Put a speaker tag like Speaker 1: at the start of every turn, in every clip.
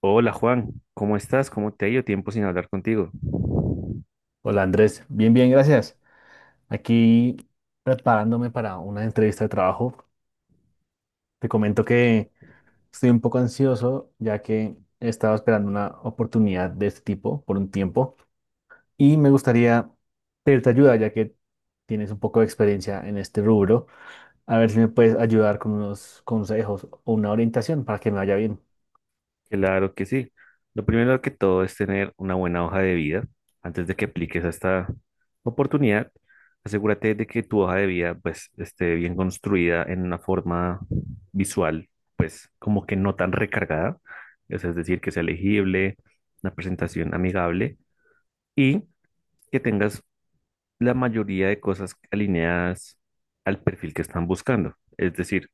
Speaker 1: Hola Juan, ¿cómo estás? ¿Cómo te ha ido? Tiempo sin hablar contigo.
Speaker 2: Hola Andrés, bien, bien, gracias. Aquí preparándome para una entrevista de trabajo. Te comento que estoy un poco ansioso ya que he estado esperando una oportunidad de este tipo por un tiempo y me gustaría pedirte ayuda ya que tienes un poco de experiencia en este rubro. A ver si me puedes ayudar con unos consejos o una orientación para que me vaya bien.
Speaker 1: Claro que sí. Lo primero que todo es tener una buena hoja de vida. Antes de que apliques a esta oportunidad, asegúrate de que tu hoja de vida pues esté bien construida en una forma visual, pues como que no tan recargada, o sea, es decir, que sea legible, una presentación amigable y que tengas la mayoría de cosas alineadas al perfil que están buscando. Es decir,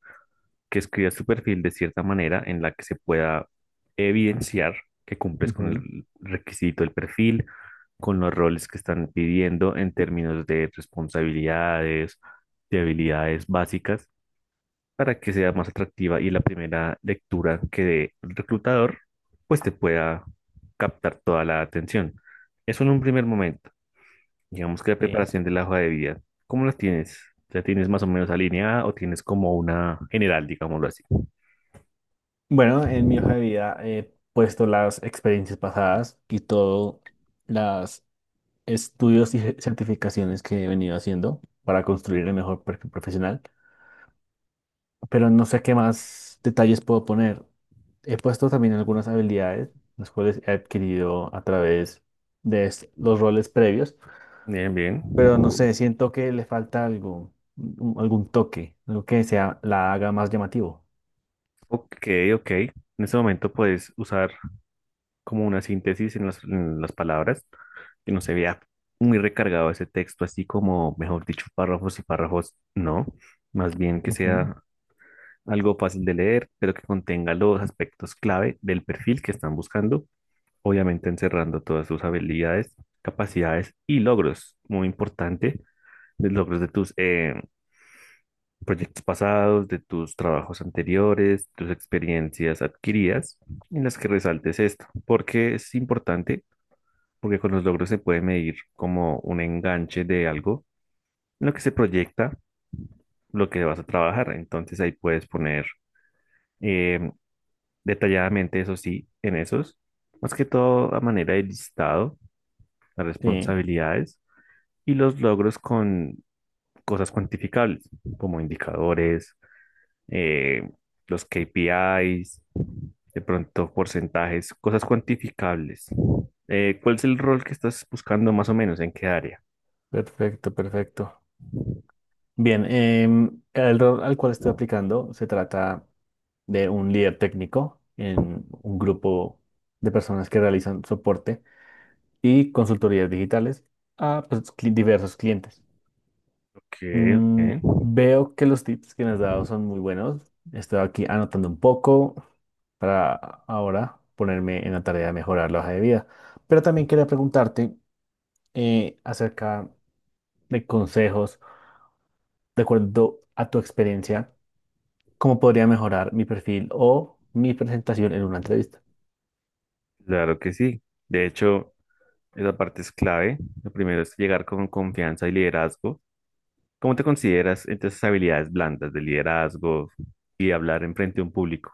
Speaker 1: que escribas tu perfil de cierta manera en la que se pueda evidenciar que cumples con
Speaker 2: Ujú.
Speaker 1: el requisito del perfil, con los roles que están pidiendo en términos de responsabilidades, de habilidades básicas, para que sea más atractiva y la primera lectura que dé el reclutador, pues te pueda captar toda la atención. Eso en un primer momento. Digamos que la
Speaker 2: Sí.
Speaker 1: preparación de la hoja de vida, ¿cómo la tienes? ¿Ya tienes más o menos alineada o tienes como una general, digámoslo así?
Speaker 2: Bueno, en mi hoja de vida he puesto las experiencias pasadas y todo las estudios y certificaciones que he venido haciendo para construir el mejor perfil profesional, pero no sé qué más detalles puedo poner. He puesto también algunas habilidades, las cuales he adquirido a través de los roles previos,
Speaker 1: Bien, bien.
Speaker 2: pero no sé, siento que le falta algo, algún toque, algo que sea, la haga más llamativo.
Speaker 1: Ok, ok. En este momento puedes usar como una síntesis en las palabras, que no se vea muy recargado ese texto, así como, mejor dicho, párrafos y párrafos, no. Más bien que
Speaker 2: Ujú.
Speaker 1: sea algo fácil de leer, pero que contenga los aspectos clave del perfil que están buscando, obviamente encerrando todas sus habilidades, capacidades y logros. Muy importante, los logros de tus, proyectos pasados, de tus trabajos anteriores, tus experiencias adquiridas, en las que resaltes esto, porque es importante, porque con los logros se puede medir como un enganche de algo, en lo que se proyecta, lo que vas a trabajar. Entonces ahí puedes poner eh, detalladamente, eso sí, en esos, más que todo a manera de listado, las
Speaker 2: Sí,
Speaker 1: responsabilidades y los logros con cosas cuantificables, como indicadores, eh, los KPIs de pronto porcentajes, cosas cuantificables. ¿cuál es el rol que estás buscando más o menos? ¿En qué área?
Speaker 2: perfecto, perfecto. Bien, el rol al cual estoy aplicando se trata de un líder técnico en un grupo de personas que realizan soporte y consultorías digitales a pues, diversos clientes.
Speaker 1: Ok,
Speaker 2: Mm,
Speaker 1: ok,
Speaker 2: veo que los tips que me has dado son muy buenos. Estoy aquí anotando un poco para ahora ponerme en la tarea de mejorar la hoja de vida. Pero también quería preguntarte acerca de consejos, de acuerdo a tu experiencia, cómo podría mejorar mi perfil o mi presentación en una entrevista.
Speaker 1: claro que sí. De hecho, esa parte es clave. Lo primero es llegar con confianza y liderazgo. ¿Cómo te consideras entre esas habilidades blandas de liderazgo y hablar en frente a un público?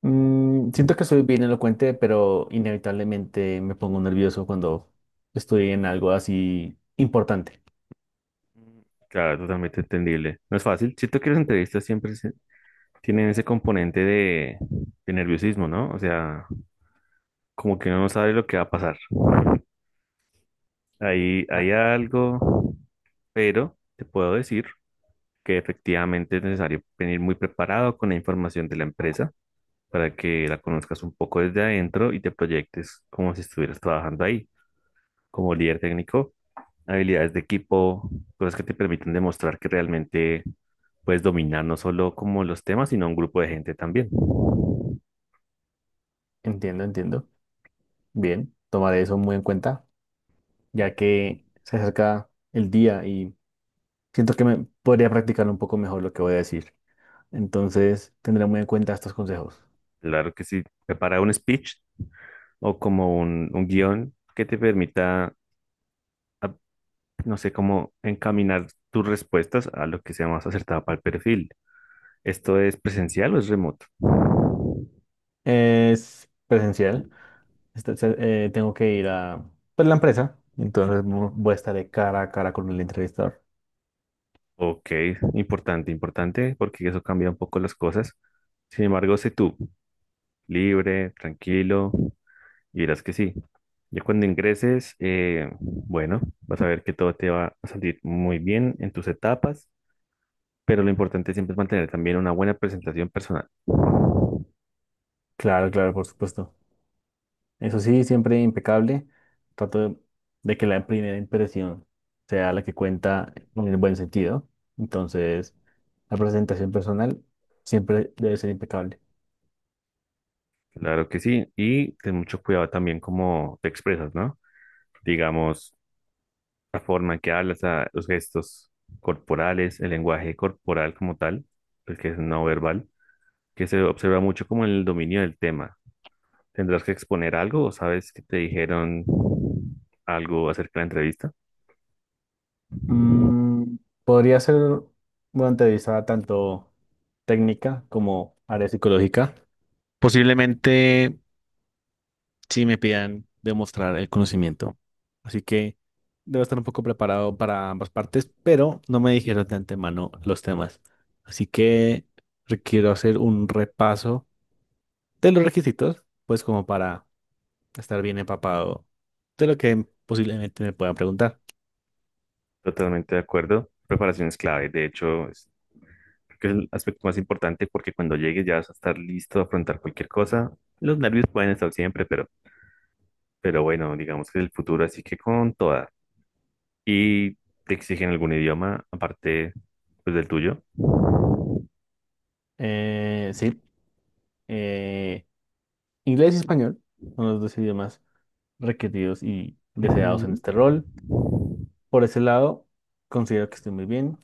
Speaker 2: Mm, siento que soy bien elocuente, pero inevitablemente me pongo nervioso cuando estoy en algo así importante.
Speaker 1: Mm. Claro, totalmente entendible. No es fácil. Si tú quieres entrevistas, siempre tienen ese componente de nerviosismo, ¿no? O sea, como que uno no sabe lo que va a pasar. Ahí
Speaker 2: Ah,
Speaker 1: hay algo, pero te puedo decir que efectivamente es necesario venir muy preparado con la información de la empresa para que la conozcas un poco desde adentro y te proyectes como si estuvieras trabajando ahí, como líder técnico, habilidades de equipo, cosas que te permiten demostrar que realmente puedes dominar no solo como los temas, sino un grupo de gente también.
Speaker 2: entiendo, entiendo. Bien, tomaré eso muy en cuenta, ya que se acerca el día y siento que me podría practicar un poco mejor lo que voy a decir. Entonces, tendré muy en cuenta estos consejos.
Speaker 1: Claro que sí, prepara un speech o como un guión que te permita, a- no sé, como encaminar tus respuestas a lo que sea más acertado para el perfil. ¿Esto es presencial o es remoto?
Speaker 2: Es presencial. esta- se- Tengo que ir a pues, la empresa, entonces voy a estar de cara a cara con el entrevistador.
Speaker 1: Ok, importante, importante, porque eso cambia un poco las cosas. Sin embargo, sé tú, libre, tranquilo, y verás que sí. Ya cuando ingreses, bueno, vas a ver que todo te va a salir muy bien en tus etapas. Pero lo importante siempre es mantener también una buena presentación personal.
Speaker 2: Claro, claro, por supuesto. Eso sí, siempre impecable. Trato de que la primera impresión sea la que cuenta en el buen sentido. Entonces, la presentación personal siempre debe ser impecable.
Speaker 1: Claro que sí. Y ten mucho cuidado también cómo te expresas, ¿no? Digamos, la forma en que hablas, los gestos corporales, el lenguaje corporal como tal, el que es no verbal, que se observa mucho como el dominio del tema. ¿Tendrás que exponer algo o sabes que te dijeron algo acerca de la entrevista?
Speaker 2: Mm, podría ser una entrevista tanto técnica como área psicológica. Posiblemente sí me pidan demostrar el conocimiento. Así que debo estar un poco preparado para ambas partes, pero no me dijeron de antemano los temas. Así que requiero hacer un repaso de los requisitos, pues como para estar bien empapado de lo que posiblemente me puedan preguntar.
Speaker 1: Totalmente de acuerdo. Preparación es clave. De hecho, es que es el aspecto más importante porque cuando llegues ya vas a estar listo a afrontar cualquier cosa. Los nervios pueden estar siempre, pero bueno, digamos que es el futuro, así que con toda. Y te exigen algún idioma aparte pues, del tuyo.
Speaker 2: Sí, eh, inglés y español son los dos idiomas requeridos y deseados en
Speaker 1: Ujú.
Speaker 2: este rol. Por ese lado, considero que estoy muy bien.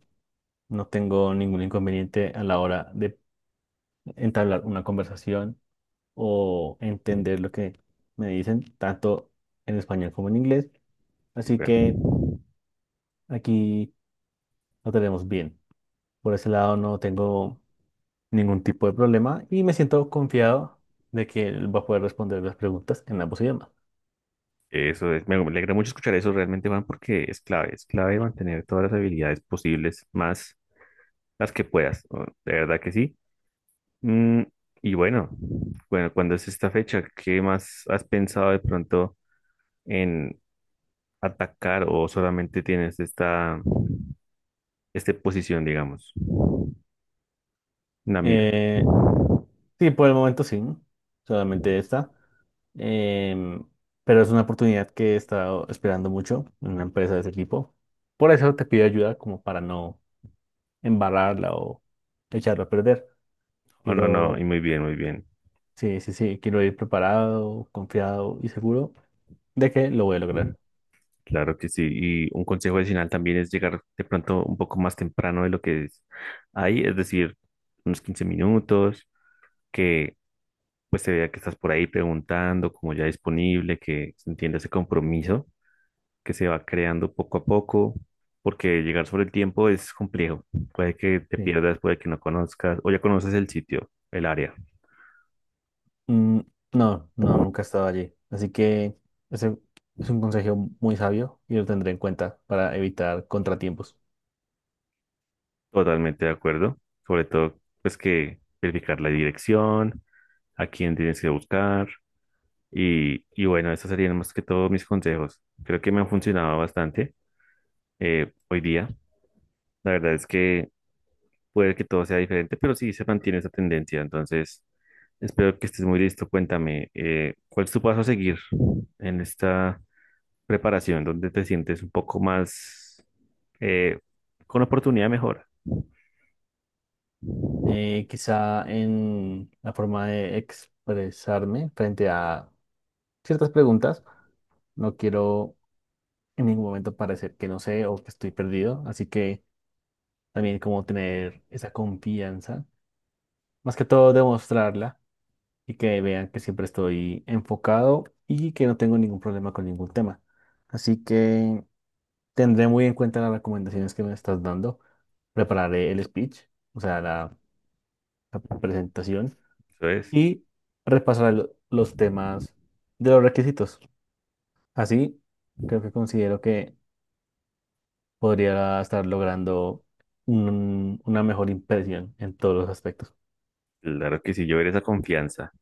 Speaker 2: No tengo ningún inconveniente a la hora de entablar una conversación o entender lo que me dicen, tanto en español como en inglés. Así
Speaker 1: Súper.
Speaker 2: que aquí lo tenemos bien. Por ese lado no tengo ningún tipo de problema y me siento confiado de que él va a poder responder las preguntas en ambos idiomas.
Speaker 1: Eso es, me alegra mucho escuchar eso realmente, Juan, porque es clave mantener todas las habilidades posibles, más las que puedas, ¿no? De verdad que sí. Mm, y bueno, bueno, ¿cuándo es esta fecha? ¿Qué más has pensado de pronto en, atacar o solamente tienes esta posición, digamos, una mira.
Speaker 2: Eh, Sí, por el momento sí, solamente esta. Em, pero es una oportunidad que he estado esperando mucho en una empresa de ese tipo. Por eso te pido ayuda como para no embarrarla o echarla a perder.
Speaker 1: Oh, no, no, y
Speaker 2: Quiero,
Speaker 1: muy bien, muy bien.
Speaker 2: sí, sí, sí, quiero ir preparado, confiado y seguro de que lo voy a lograr.
Speaker 1: Claro que sí. Y un consejo adicional también es llegar de pronto un poco más temprano de lo que es ahí, es decir, unos 15 minutos, que pues se vea que estás por ahí preguntando, como ya disponible, que se entienda ese compromiso que se va creando poco a poco, porque llegar sobre el tiempo es complejo. Puede que te
Speaker 2: Sí.
Speaker 1: pierdas, puede que no conozcas, o ya conoces el sitio, el área.
Speaker 2: Mm, no, no, nunca he estado allí. Así que ese es un consejo muy sabio y lo tendré en cuenta para evitar contratiempos.
Speaker 1: Totalmente de acuerdo. Sobre todo, pues que verificar la dirección, a quién tienes que buscar. Y, bueno, esos serían más que todo mis consejos. Creo que me han funcionado bastante hoy día. La verdad es que puede que todo sea diferente, pero sí se mantiene esa tendencia. Entonces, espero que estés muy listo. Cuéntame, ¿cuál es tu paso a seguir en esta preparación donde te sientes un poco más eh, con oportunidad de mejora?
Speaker 2: Quizá en la forma de expresarme frente a ciertas preguntas. No quiero en ningún momento parecer que no sé o que estoy perdido, así que también como tener esa confianza, más que todo demostrarla y que vean que siempre estoy enfocado y que no tengo ningún problema con ningún tema. Así que tendré muy en cuenta las recomendaciones que me estás dando. Prepararé el speech, o sea, la presentación
Speaker 1: Eso es.
Speaker 2: y repasará los temas de los requisitos. Así, creo que considero que podría estar logrando una mejor impresión en todos los aspectos.
Speaker 1: Claro que sí, yo ver esa confianza.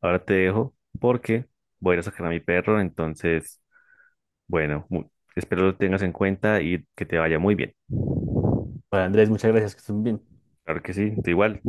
Speaker 1: Ahora te dejo porque voy a ir a sacar a mi perro, entonces, bueno, espero lo tengas en cuenta y que te vaya muy bien.
Speaker 2: Para Andrés, muchas gracias, que estén bien.
Speaker 1: Claro que sí, tú igual.